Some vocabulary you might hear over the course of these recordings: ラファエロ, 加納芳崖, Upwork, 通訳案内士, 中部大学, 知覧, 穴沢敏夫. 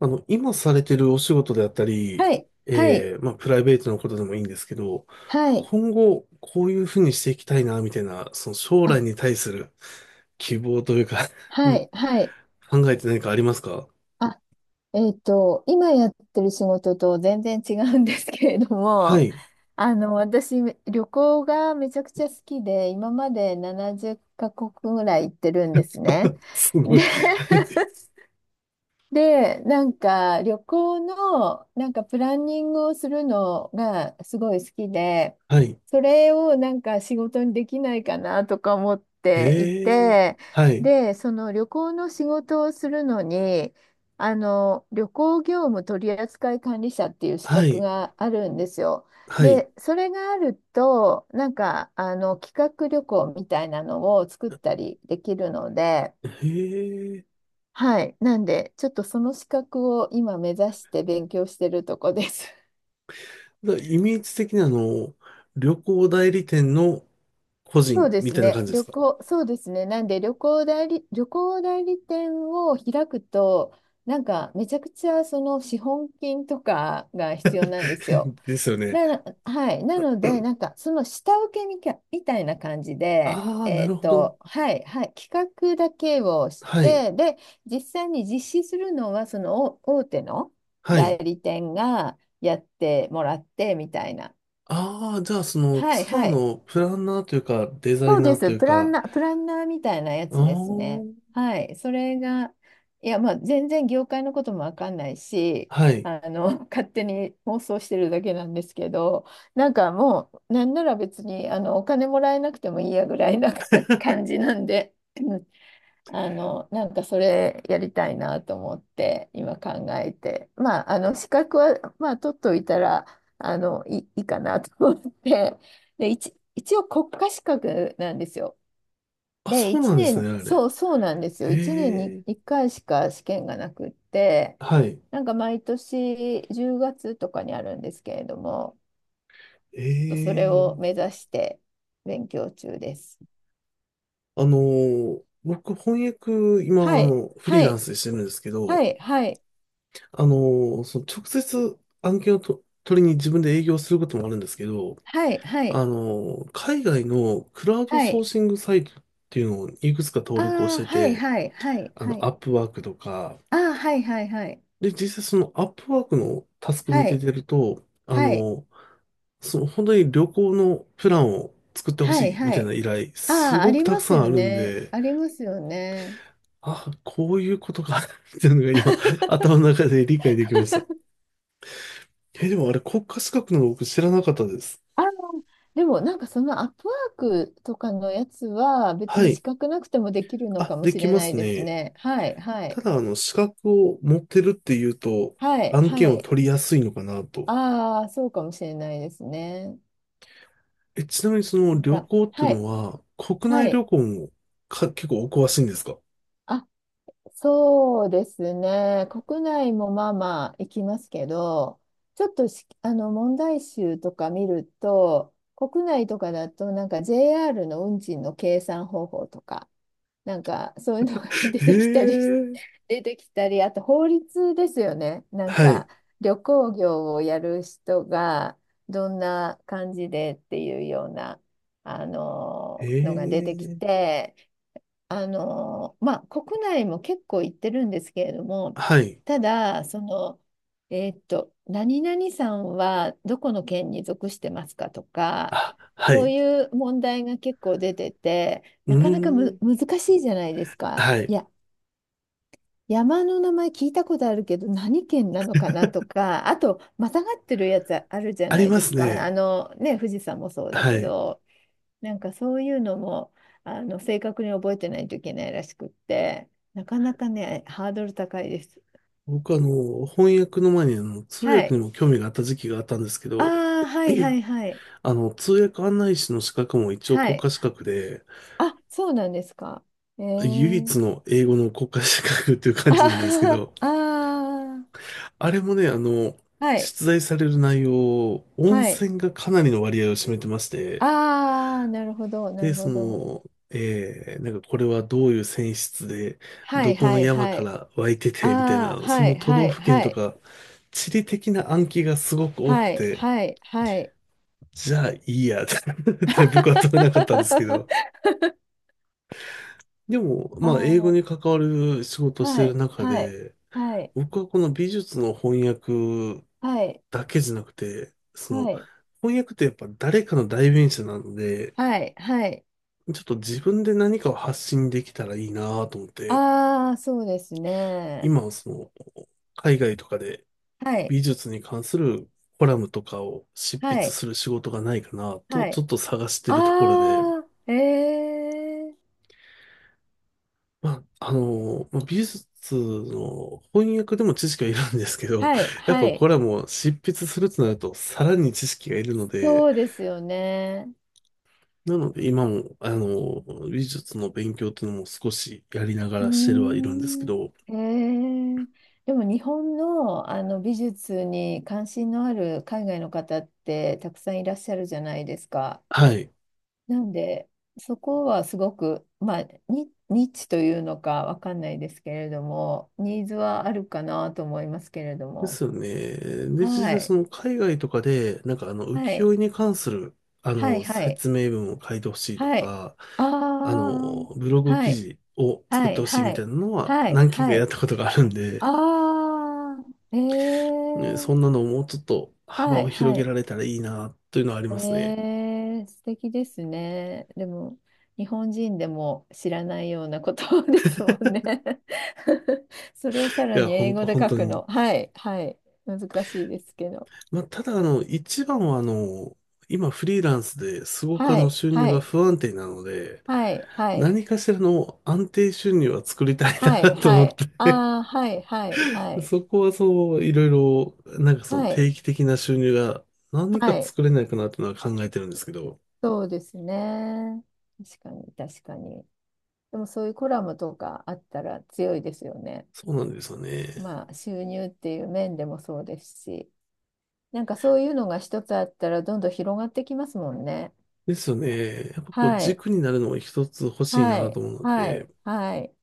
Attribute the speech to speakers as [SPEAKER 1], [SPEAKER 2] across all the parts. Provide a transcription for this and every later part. [SPEAKER 1] 今されてるお仕事であったり、
[SPEAKER 2] はい、はい、
[SPEAKER 1] まあ、プライベートのことでもいいんですけど、
[SPEAKER 2] はい、
[SPEAKER 1] 今後、こういうふうにしていきたいな、みたいな、その将
[SPEAKER 2] あ、
[SPEAKER 1] 来に対する希望というか う
[SPEAKER 2] は
[SPEAKER 1] ん、
[SPEAKER 2] い、はい。
[SPEAKER 1] 考えて何かありますか？
[SPEAKER 2] あ、今やってる仕事と全然違うんですけれど
[SPEAKER 1] は
[SPEAKER 2] も、
[SPEAKER 1] い。
[SPEAKER 2] 私、旅行がめちゃくちゃ好きで、今まで70カ国ぐらい行ってるんですね。
[SPEAKER 1] すご
[SPEAKER 2] で、
[SPEAKER 1] い。
[SPEAKER 2] で、なんか旅行のなんかプランニングをするのがすごい好きで、
[SPEAKER 1] はい。
[SPEAKER 2] それをなんか仕事にできないかなとか思ってい
[SPEAKER 1] えー、
[SPEAKER 2] て、
[SPEAKER 1] はい。
[SPEAKER 2] で、その旅行の仕事をするのに、あの旅行業務取扱管理者っていう資
[SPEAKER 1] は
[SPEAKER 2] 格
[SPEAKER 1] い。
[SPEAKER 2] があるんですよ。
[SPEAKER 1] はい。
[SPEAKER 2] で、それがあると、なんかあの企画旅行みたいなのを作ったりできるので、
[SPEAKER 1] へえー。
[SPEAKER 2] はい。なんで、ちょっとその資格を今目指して勉強してるとこです。
[SPEAKER 1] だからイメージ的に旅行代理店の個
[SPEAKER 2] そう
[SPEAKER 1] 人
[SPEAKER 2] で
[SPEAKER 1] み
[SPEAKER 2] す
[SPEAKER 1] たいな
[SPEAKER 2] ね。
[SPEAKER 1] 感じで
[SPEAKER 2] 旅
[SPEAKER 1] すか？
[SPEAKER 2] 行、そうですね。なんで旅行代理店を開くと、なんかめちゃくちゃその資本金とかが必要なんですよ。
[SPEAKER 1] ですよね。
[SPEAKER 2] はい。なので、なんか、その下請けみたいな感じで、
[SPEAKER 1] ああ、なるほど。
[SPEAKER 2] はい、はい、企画だけをし
[SPEAKER 1] はい。
[SPEAKER 2] て、で、実際に実施するのは、その大手の
[SPEAKER 1] は
[SPEAKER 2] 代
[SPEAKER 1] い。
[SPEAKER 2] 理店がやってもらって、みたいな。
[SPEAKER 1] ああ、じゃあその
[SPEAKER 2] はい、
[SPEAKER 1] ツアー
[SPEAKER 2] はい。
[SPEAKER 1] のプランナーというか、デザ
[SPEAKER 2] そ
[SPEAKER 1] イ
[SPEAKER 2] う
[SPEAKER 1] ナ
[SPEAKER 2] で
[SPEAKER 1] ーと
[SPEAKER 2] す。
[SPEAKER 1] いう
[SPEAKER 2] プラン
[SPEAKER 1] か。
[SPEAKER 2] ナー、プランナーみたいなや
[SPEAKER 1] あ
[SPEAKER 2] つ
[SPEAKER 1] あ、
[SPEAKER 2] ですね。はい。それが、いや、まあ、全然業界のこともわかんないし、
[SPEAKER 1] はい。
[SPEAKER 2] あの、勝手に妄想してるだけなんですけど、なんかもう、なんなら別に、お金もらえなくてもいいやぐらいな 感じなんでなんかそれやりたいなと思って今考えて、まあ、あの資格は、まあ、取っといたらいいかなと思って、で、一応国家資格なんですよ。
[SPEAKER 1] あ、
[SPEAKER 2] で、
[SPEAKER 1] そう
[SPEAKER 2] 1
[SPEAKER 1] なんですね、
[SPEAKER 2] 年、
[SPEAKER 1] あれ。
[SPEAKER 2] そう、そうなんですよ。1年
[SPEAKER 1] へ
[SPEAKER 2] に
[SPEAKER 1] え、
[SPEAKER 2] 1回しか試験がなくって、
[SPEAKER 1] はい。
[SPEAKER 2] なんか毎年10月とかにあるんですけれども、
[SPEAKER 1] え
[SPEAKER 2] ちょっとそれを目
[SPEAKER 1] え、
[SPEAKER 2] 指して勉強中です。
[SPEAKER 1] 僕、翻訳、今、
[SPEAKER 2] はい、
[SPEAKER 1] フリ
[SPEAKER 2] は
[SPEAKER 1] ーラン
[SPEAKER 2] い、
[SPEAKER 1] スでしてるんですけ
[SPEAKER 2] は
[SPEAKER 1] ど、
[SPEAKER 2] い、はい、
[SPEAKER 1] あのその直接案件をと取りに自分で営業することもあるんですけど、
[SPEAKER 2] はい、はい。
[SPEAKER 1] 海外のクラウド
[SPEAKER 2] は
[SPEAKER 1] ソー
[SPEAKER 2] い、
[SPEAKER 1] シングサイトっていうのをいくつか
[SPEAKER 2] あ
[SPEAKER 1] 登録をし
[SPEAKER 2] あ、
[SPEAKER 1] て
[SPEAKER 2] はい
[SPEAKER 1] て、
[SPEAKER 2] はいはいは
[SPEAKER 1] ア
[SPEAKER 2] い。
[SPEAKER 1] ップワークとか。
[SPEAKER 2] ああ、はいはいはい。
[SPEAKER 1] で、実際そのアップワークのタスク見
[SPEAKER 2] は
[SPEAKER 1] て
[SPEAKER 2] い
[SPEAKER 1] てると、
[SPEAKER 2] はい
[SPEAKER 1] その本当に旅行のプランを作ってほ
[SPEAKER 2] はい
[SPEAKER 1] しいみ
[SPEAKER 2] は
[SPEAKER 1] たいな
[SPEAKER 2] い。
[SPEAKER 1] 依頼、
[SPEAKER 2] あ
[SPEAKER 1] す
[SPEAKER 2] あ、あ
[SPEAKER 1] ごく
[SPEAKER 2] り
[SPEAKER 1] たく
[SPEAKER 2] ます
[SPEAKER 1] さん
[SPEAKER 2] よ
[SPEAKER 1] あるん
[SPEAKER 2] ね。
[SPEAKER 1] で、
[SPEAKER 2] ありますよね。
[SPEAKER 1] あ、こういうことか っていうのが今、頭の中で理解できました。え、でもあれ国家資格なの僕知らなかったです。
[SPEAKER 2] あのでもなんかそのアップワークとかのやつは別
[SPEAKER 1] は
[SPEAKER 2] に資
[SPEAKER 1] い。
[SPEAKER 2] 格なくてもできるの
[SPEAKER 1] あ、
[SPEAKER 2] かも
[SPEAKER 1] で
[SPEAKER 2] し
[SPEAKER 1] き
[SPEAKER 2] れ
[SPEAKER 1] ま
[SPEAKER 2] ない
[SPEAKER 1] す
[SPEAKER 2] です
[SPEAKER 1] ね。
[SPEAKER 2] ね。はいは
[SPEAKER 1] た
[SPEAKER 2] い
[SPEAKER 1] だ、資格を持ってるっていうと、
[SPEAKER 2] はい
[SPEAKER 1] 案
[SPEAKER 2] は
[SPEAKER 1] 件を
[SPEAKER 2] い。
[SPEAKER 1] 取りやすいのかなと。
[SPEAKER 2] ああ、そうかもしれないですね。
[SPEAKER 1] え、ちなみにその
[SPEAKER 2] なん
[SPEAKER 1] 旅
[SPEAKER 2] か、
[SPEAKER 1] 行ってい
[SPEAKER 2] は
[SPEAKER 1] う
[SPEAKER 2] い
[SPEAKER 1] のは、国
[SPEAKER 2] は
[SPEAKER 1] 内旅
[SPEAKER 2] い。
[SPEAKER 1] 行もか、結構お詳しいんですか？
[SPEAKER 2] あ、そうですね。国内もまあまあ行きますけど、ちょっとし、あの問題集とか見ると、国内とかだとなんか JR の運賃の計算方法とか、なんかそういうのが 出
[SPEAKER 1] へ
[SPEAKER 2] てきたりし、
[SPEAKER 1] え、
[SPEAKER 2] 出てきたり、あと法律ですよね。なん
[SPEAKER 1] はい。
[SPEAKER 2] か旅行業をやる人がどんな感じでっていうような、あの
[SPEAKER 1] え
[SPEAKER 2] のが出てき
[SPEAKER 1] え、
[SPEAKER 2] て、まあ、国内も結構行ってるんですけれども、
[SPEAKER 1] はい。
[SPEAKER 2] ただ、何々さんはどこの県に属してますかとか、
[SPEAKER 1] あ、は
[SPEAKER 2] そう
[SPEAKER 1] い。
[SPEAKER 2] いう問題が結構出てて、
[SPEAKER 1] うー
[SPEAKER 2] なかなか
[SPEAKER 1] ん、
[SPEAKER 2] 難しいじゃないですか。
[SPEAKER 1] は
[SPEAKER 2] い
[SPEAKER 1] い。
[SPEAKER 2] や、山の名前聞いたことあるけど、何県なのかなとか、あと、またがってるやつあるじゃ
[SPEAKER 1] あ
[SPEAKER 2] な
[SPEAKER 1] り
[SPEAKER 2] い
[SPEAKER 1] ま
[SPEAKER 2] です
[SPEAKER 1] す
[SPEAKER 2] か。
[SPEAKER 1] ね。
[SPEAKER 2] ね、富士山もそうだ
[SPEAKER 1] は
[SPEAKER 2] け
[SPEAKER 1] い。
[SPEAKER 2] ど。なんかそういうのも正確に覚えてないといけないらしくって、なかなかね、ハードル高いです。
[SPEAKER 1] 僕翻訳の前に通
[SPEAKER 2] は
[SPEAKER 1] 訳
[SPEAKER 2] い。
[SPEAKER 1] にも興味があった時期があったんですけ
[SPEAKER 2] あ
[SPEAKER 1] ど、
[SPEAKER 2] あ、はいはいはい。
[SPEAKER 1] 通訳案内士の資格も一応
[SPEAKER 2] は
[SPEAKER 1] 国
[SPEAKER 2] い。
[SPEAKER 1] 家資格で、
[SPEAKER 2] あ、そうなんですか。ええ
[SPEAKER 1] 唯一
[SPEAKER 2] ー、
[SPEAKER 1] の英語の国家資格っていう
[SPEAKER 2] あ
[SPEAKER 1] 感じなんですけ
[SPEAKER 2] ー、
[SPEAKER 1] ど、
[SPEAKER 2] あー、
[SPEAKER 1] あれもね、
[SPEAKER 2] はい。
[SPEAKER 1] 出題される内容、温
[SPEAKER 2] はい。
[SPEAKER 1] 泉がかなりの割合を占めてまして、
[SPEAKER 2] ああ、なるほど、な
[SPEAKER 1] で、
[SPEAKER 2] るほど。
[SPEAKER 1] なんかこれはどういう泉質で、
[SPEAKER 2] は
[SPEAKER 1] ど
[SPEAKER 2] い
[SPEAKER 1] こ
[SPEAKER 2] は
[SPEAKER 1] の
[SPEAKER 2] い
[SPEAKER 1] 山
[SPEAKER 2] は
[SPEAKER 1] か
[SPEAKER 2] い。
[SPEAKER 1] ら湧いて
[SPEAKER 2] あ
[SPEAKER 1] て、みたい
[SPEAKER 2] あ、
[SPEAKER 1] な、そ
[SPEAKER 2] は
[SPEAKER 1] の
[SPEAKER 2] い
[SPEAKER 1] 都
[SPEAKER 2] は
[SPEAKER 1] 道
[SPEAKER 2] い
[SPEAKER 1] 府県
[SPEAKER 2] は
[SPEAKER 1] と
[SPEAKER 2] い。
[SPEAKER 1] か、地理的な暗記がすごく多
[SPEAKER 2] は
[SPEAKER 1] く
[SPEAKER 2] い
[SPEAKER 1] て、
[SPEAKER 2] はいはい。
[SPEAKER 1] じゃあいいや って僕は取れなかったんですけど。でも、
[SPEAKER 2] あ
[SPEAKER 1] まあ、英語に
[SPEAKER 2] あ、
[SPEAKER 1] 関わる仕事をして
[SPEAKER 2] は
[SPEAKER 1] る
[SPEAKER 2] い
[SPEAKER 1] 中
[SPEAKER 2] はい
[SPEAKER 1] で、
[SPEAKER 2] はい。
[SPEAKER 1] 僕はこの美術の翻訳
[SPEAKER 2] はい。
[SPEAKER 1] だけじゃなくて、
[SPEAKER 2] はい、
[SPEAKER 1] 翻訳ってやっぱ誰かの代弁者なので、
[SPEAKER 2] はい、はい。
[SPEAKER 1] ちょっと自分で何かを発信できたらいいなと思って、
[SPEAKER 2] ああ、そうですね。
[SPEAKER 1] 今、海外とかで
[SPEAKER 2] はい、
[SPEAKER 1] 美術に関するコラムとかを執筆
[SPEAKER 2] はい、
[SPEAKER 1] する仕事がないかなと、
[SPEAKER 2] は
[SPEAKER 1] ちょ
[SPEAKER 2] い。
[SPEAKER 1] っと探してるところで、
[SPEAKER 2] ああ、ええ、
[SPEAKER 1] まあ、まあ美術の翻訳でも知識はいるんですけど、
[SPEAKER 2] はい、
[SPEAKER 1] やっ
[SPEAKER 2] は
[SPEAKER 1] ぱ
[SPEAKER 2] い。
[SPEAKER 1] コラムを執筆するとなると、さらに知識がいるので、
[SPEAKER 2] そうですよね。
[SPEAKER 1] なので今も、美術の勉強っていうのも少しやりなが
[SPEAKER 2] うー
[SPEAKER 1] らしてるはいるんですけ
[SPEAKER 2] ん。
[SPEAKER 1] ど、
[SPEAKER 2] ええ、でも日本の、あの美術に関心のある海外の方ってたくさんいらっしゃるじゃないですか。
[SPEAKER 1] はい。
[SPEAKER 2] なんで、そこはすごく、まあ、ニッチというのかわかんないですけれども、ニーズはあるかなと思いますけれど
[SPEAKER 1] で
[SPEAKER 2] も。
[SPEAKER 1] すよね。で、実
[SPEAKER 2] は
[SPEAKER 1] 際そ
[SPEAKER 2] い。
[SPEAKER 1] の海外とかで、なんか浮
[SPEAKER 2] はい。
[SPEAKER 1] 世絵に関する、
[SPEAKER 2] はい。はい。
[SPEAKER 1] 説明文を書いてほしいと
[SPEAKER 2] はい。
[SPEAKER 1] か、
[SPEAKER 2] ああ。
[SPEAKER 1] ブログ
[SPEAKER 2] は
[SPEAKER 1] 記
[SPEAKER 2] い。
[SPEAKER 1] 事を作
[SPEAKER 2] は
[SPEAKER 1] って
[SPEAKER 2] い。
[SPEAKER 1] ほしい
[SPEAKER 2] は
[SPEAKER 1] みたい
[SPEAKER 2] い。
[SPEAKER 1] なのは
[SPEAKER 2] はい。
[SPEAKER 1] 何件か
[SPEAKER 2] は
[SPEAKER 1] やっ
[SPEAKER 2] い。
[SPEAKER 1] たことがあるん
[SPEAKER 2] あ
[SPEAKER 1] で、
[SPEAKER 2] あ。え
[SPEAKER 1] ね、そん
[SPEAKER 2] え。
[SPEAKER 1] なのをもうちょっと幅
[SPEAKER 2] は
[SPEAKER 1] を
[SPEAKER 2] い。
[SPEAKER 1] 広
[SPEAKER 2] は
[SPEAKER 1] げ
[SPEAKER 2] い。
[SPEAKER 1] られたらいいな、というのはありますね。
[SPEAKER 2] えー、素敵ですね。でも、日本人でも知らないようなことですもんね。それをさ
[SPEAKER 1] い
[SPEAKER 2] ら
[SPEAKER 1] や、
[SPEAKER 2] に
[SPEAKER 1] ほ
[SPEAKER 2] 英
[SPEAKER 1] ん
[SPEAKER 2] 語
[SPEAKER 1] と、
[SPEAKER 2] で
[SPEAKER 1] 本
[SPEAKER 2] 書
[SPEAKER 1] 当
[SPEAKER 2] く
[SPEAKER 1] に。
[SPEAKER 2] の。はい、はい。難しいですけど。
[SPEAKER 1] まあ、ただ、一番は、今フリーランスですごく
[SPEAKER 2] はい、
[SPEAKER 1] 収入
[SPEAKER 2] は
[SPEAKER 1] が
[SPEAKER 2] い、
[SPEAKER 1] 不安定なので、
[SPEAKER 2] はい、はい、
[SPEAKER 1] 何かしらの安定収入は作りたい
[SPEAKER 2] は
[SPEAKER 1] な
[SPEAKER 2] い、
[SPEAKER 1] と
[SPEAKER 2] は
[SPEAKER 1] 思っ
[SPEAKER 2] い。
[SPEAKER 1] て、
[SPEAKER 2] ああ、はい、はい、はい、
[SPEAKER 1] そこはそう、いろいろ、なんかその
[SPEAKER 2] はい、
[SPEAKER 1] 定期的な収入が何
[SPEAKER 2] は
[SPEAKER 1] か
[SPEAKER 2] い。
[SPEAKER 1] 作れないかなっていうのは考えてるんですけど、
[SPEAKER 2] そうですね。確かに、確かに。でもそういうコラムとかあったら強いですよね。
[SPEAKER 1] そうなんですよね。
[SPEAKER 2] まあ、収入っていう面でもそうですし。なんかそういうのが一つあったらどんどん広がってきますもんね。
[SPEAKER 1] ですよね。やっぱこう
[SPEAKER 2] はい。
[SPEAKER 1] 軸になるのも一つ欲しい
[SPEAKER 2] は
[SPEAKER 1] なと
[SPEAKER 2] い。
[SPEAKER 1] 思うの
[SPEAKER 2] はい。
[SPEAKER 1] で、
[SPEAKER 2] はい。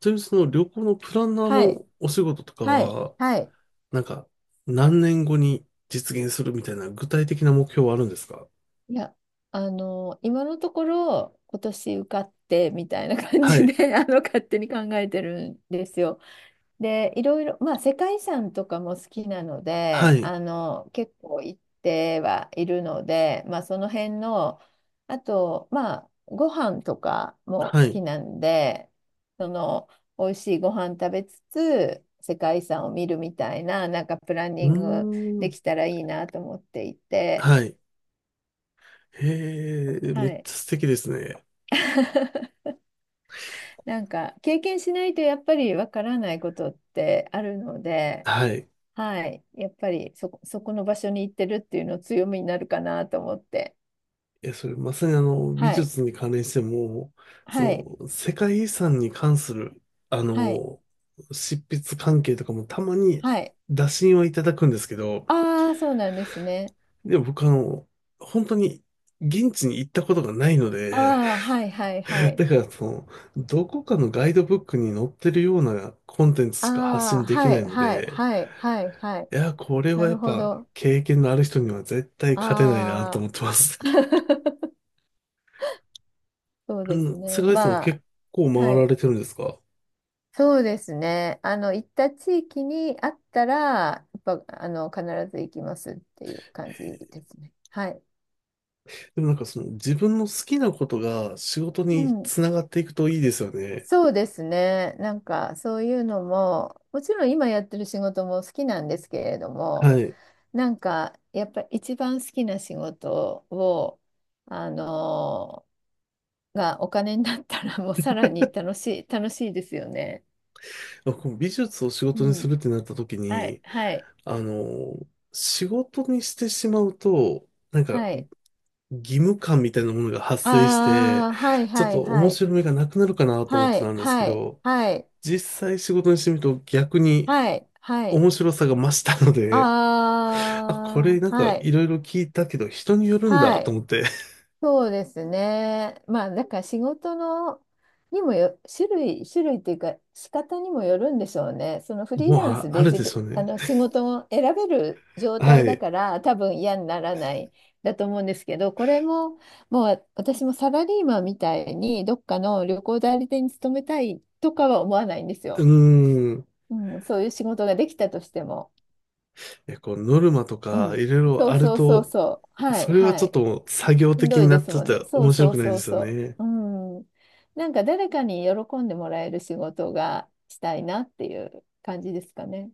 [SPEAKER 1] ちなみにその旅行のプランナー
[SPEAKER 2] はい。
[SPEAKER 1] のお仕事とか
[SPEAKER 2] はい。
[SPEAKER 1] は、
[SPEAKER 2] はい。
[SPEAKER 1] なんか何年後に実現するみたいな具体的な目標はあるんですか？
[SPEAKER 2] いや、今のところ今年受かってみたいな感
[SPEAKER 1] は
[SPEAKER 2] じで、
[SPEAKER 1] い。
[SPEAKER 2] 勝手に考えてるんですよ。で、いろいろ、まあ、世界遺産とかも好きなの
[SPEAKER 1] は
[SPEAKER 2] で、
[SPEAKER 1] い。
[SPEAKER 2] 結構行ってはいるので、まあ、その辺の、あと、まあ、ご飯とかも好
[SPEAKER 1] は
[SPEAKER 2] き
[SPEAKER 1] い。
[SPEAKER 2] なんで、その、美味しいご飯食べつつ、世界遺産を見るみたいな、なんかプラン
[SPEAKER 1] う
[SPEAKER 2] ニング
[SPEAKER 1] ー
[SPEAKER 2] で
[SPEAKER 1] ん。
[SPEAKER 2] きたらいいなと思っていて、
[SPEAKER 1] はい。へえ、め
[SPEAKER 2] は
[SPEAKER 1] っ
[SPEAKER 2] い。
[SPEAKER 1] ちゃ素敵ですね。
[SPEAKER 2] なんか、経験しないとやっぱりわからないことってあるので、
[SPEAKER 1] はい。
[SPEAKER 2] はい。やっぱりそこの場所に行ってるっていうの強みになるかなと思って。
[SPEAKER 1] いや、それまさに美
[SPEAKER 2] はい。
[SPEAKER 1] 術に関連しても、
[SPEAKER 2] はい。
[SPEAKER 1] 世界遺産に関する、あ
[SPEAKER 2] はい。
[SPEAKER 1] の、執筆関係とかもたまに
[SPEAKER 2] はい。
[SPEAKER 1] 打診はいただくんですけど、
[SPEAKER 2] ああ、そうなんですね。
[SPEAKER 1] でも僕本当に現地に行ったことがないので、
[SPEAKER 2] ああ、はいはいは い。
[SPEAKER 1] だからどこかのガイドブックに載ってるようなコンテンツしか発
[SPEAKER 2] あ
[SPEAKER 1] 信
[SPEAKER 2] あ、
[SPEAKER 1] でき
[SPEAKER 2] は
[SPEAKER 1] ない
[SPEAKER 2] い
[SPEAKER 1] の
[SPEAKER 2] はい
[SPEAKER 1] で、
[SPEAKER 2] はいはいはい。
[SPEAKER 1] いや、これ
[SPEAKER 2] な
[SPEAKER 1] はやっ
[SPEAKER 2] るほ
[SPEAKER 1] ぱ
[SPEAKER 2] ど。
[SPEAKER 1] 経験のある人には絶対勝てないなと
[SPEAKER 2] ああ。
[SPEAKER 1] 思ってます。
[SPEAKER 2] そう
[SPEAKER 1] う
[SPEAKER 2] です
[SPEAKER 1] ん、世
[SPEAKER 2] ね。
[SPEAKER 1] 界遺産も
[SPEAKER 2] まあ、
[SPEAKER 1] 結構回
[SPEAKER 2] は
[SPEAKER 1] ら
[SPEAKER 2] い。
[SPEAKER 1] れてるんですか？
[SPEAKER 2] そうですね。行った地域にあったら、やっぱ、必ず行きますっていう感じですね。はい。
[SPEAKER 1] でもなんかその自分の好きなことが仕事
[SPEAKER 2] う
[SPEAKER 1] に
[SPEAKER 2] ん。
[SPEAKER 1] つながっていくといいですよね。
[SPEAKER 2] そうですね。なんかそういうのも、もちろん今やってる仕事も好きなんですけれども、
[SPEAKER 1] はい。
[SPEAKER 2] なんかやっぱり一番好きな仕事を、あのがお金になったらもうさらに楽しい、楽しいですよね。
[SPEAKER 1] こう美術を仕
[SPEAKER 2] う
[SPEAKER 1] 事にす
[SPEAKER 2] ん。
[SPEAKER 1] るってなった時
[SPEAKER 2] はい、
[SPEAKER 1] に、
[SPEAKER 2] はい、
[SPEAKER 1] あの、仕事にしてしまうと、なんか
[SPEAKER 2] はい。
[SPEAKER 1] 義務感みたいなものが発生して、
[SPEAKER 2] ああ、はい、
[SPEAKER 1] ちょっ
[SPEAKER 2] はい、
[SPEAKER 1] と
[SPEAKER 2] は
[SPEAKER 1] 面
[SPEAKER 2] い。
[SPEAKER 1] 白みがなくなるかなと思っ
[SPEAKER 2] は
[SPEAKER 1] てた
[SPEAKER 2] い、
[SPEAKER 1] んですけ
[SPEAKER 2] はい、
[SPEAKER 1] ど、
[SPEAKER 2] はい、
[SPEAKER 1] 実際仕事にしてみると逆に
[SPEAKER 2] はい、はい。
[SPEAKER 1] 面白さが増したので、
[SPEAKER 2] あ
[SPEAKER 1] あ、こ
[SPEAKER 2] あ、
[SPEAKER 1] れなんか
[SPEAKER 2] はい、
[SPEAKER 1] いろいろ聞いたけど人によるんだ
[SPEAKER 2] は
[SPEAKER 1] と
[SPEAKER 2] い。
[SPEAKER 1] 思って、
[SPEAKER 2] そうですね。まあ、だから仕事のにもよ、種類っていうか、仕方にもよるんでしょうね。その フリー
[SPEAKER 1] もう
[SPEAKER 2] ラン
[SPEAKER 1] あ、
[SPEAKER 2] ス
[SPEAKER 1] あ
[SPEAKER 2] で
[SPEAKER 1] る
[SPEAKER 2] 自
[SPEAKER 1] で
[SPEAKER 2] 分、
[SPEAKER 1] しょう
[SPEAKER 2] あ
[SPEAKER 1] ね。
[SPEAKER 2] の仕事を選べる状
[SPEAKER 1] は
[SPEAKER 2] 態
[SPEAKER 1] い。
[SPEAKER 2] だ
[SPEAKER 1] う
[SPEAKER 2] から、多分嫌にならないだと思うんですけど、これも、もう私もサラリーマンみたいに、どっかの旅行代理店に勤めたいとかは思わないんです
[SPEAKER 1] ー
[SPEAKER 2] よ。
[SPEAKER 1] ん。
[SPEAKER 2] うん、そういう仕事ができたとしても。
[SPEAKER 1] え、こう、ノルマと
[SPEAKER 2] う
[SPEAKER 1] か、い
[SPEAKER 2] ん、
[SPEAKER 1] ろいろ
[SPEAKER 2] そう
[SPEAKER 1] ある
[SPEAKER 2] そうそう
[SPEAKER 1] と、
[SPEAKER 2] そう。は
[SPEAKER 1] そ
[SPEAKER 2] い
[SPEAKER 1] れは
[SPEAKER 2] は
[SPEAKER 1] ちょっ
[SPEAKER 2] い。
[SPEAKER 1] と作業
[SPEAKER 2] しん
[SPEAKER 1] 的
[SPEAKER 2] ど
[SPEAKER 1] に
[SPEAKER 2] い
[SPEAKER 1] な
[SPEAKER 2] で
[SPEAKER 1] っ
[SPEAKER 2] す
[SPEAKER 1] ちゃっ
[SPEAKER 2] もんね。
[SPEAKER 1] て
[SPEAKER 2] そう
[SPEAKER 1] 面白
[SPEAKER 2] そう
[SPEAKER 1] くない
[SPEAKER 2] そ
[SPEAKER 1] で
[SPEAKER 2] う
[SPEAKER 1] すよ
[SPEAKER 2] そ
[SPEAKER 1] ね。
[SPEAKER 2] う。うん。なんか誰かに喜んでもらえる仕事がしたいなっていう感じですかね。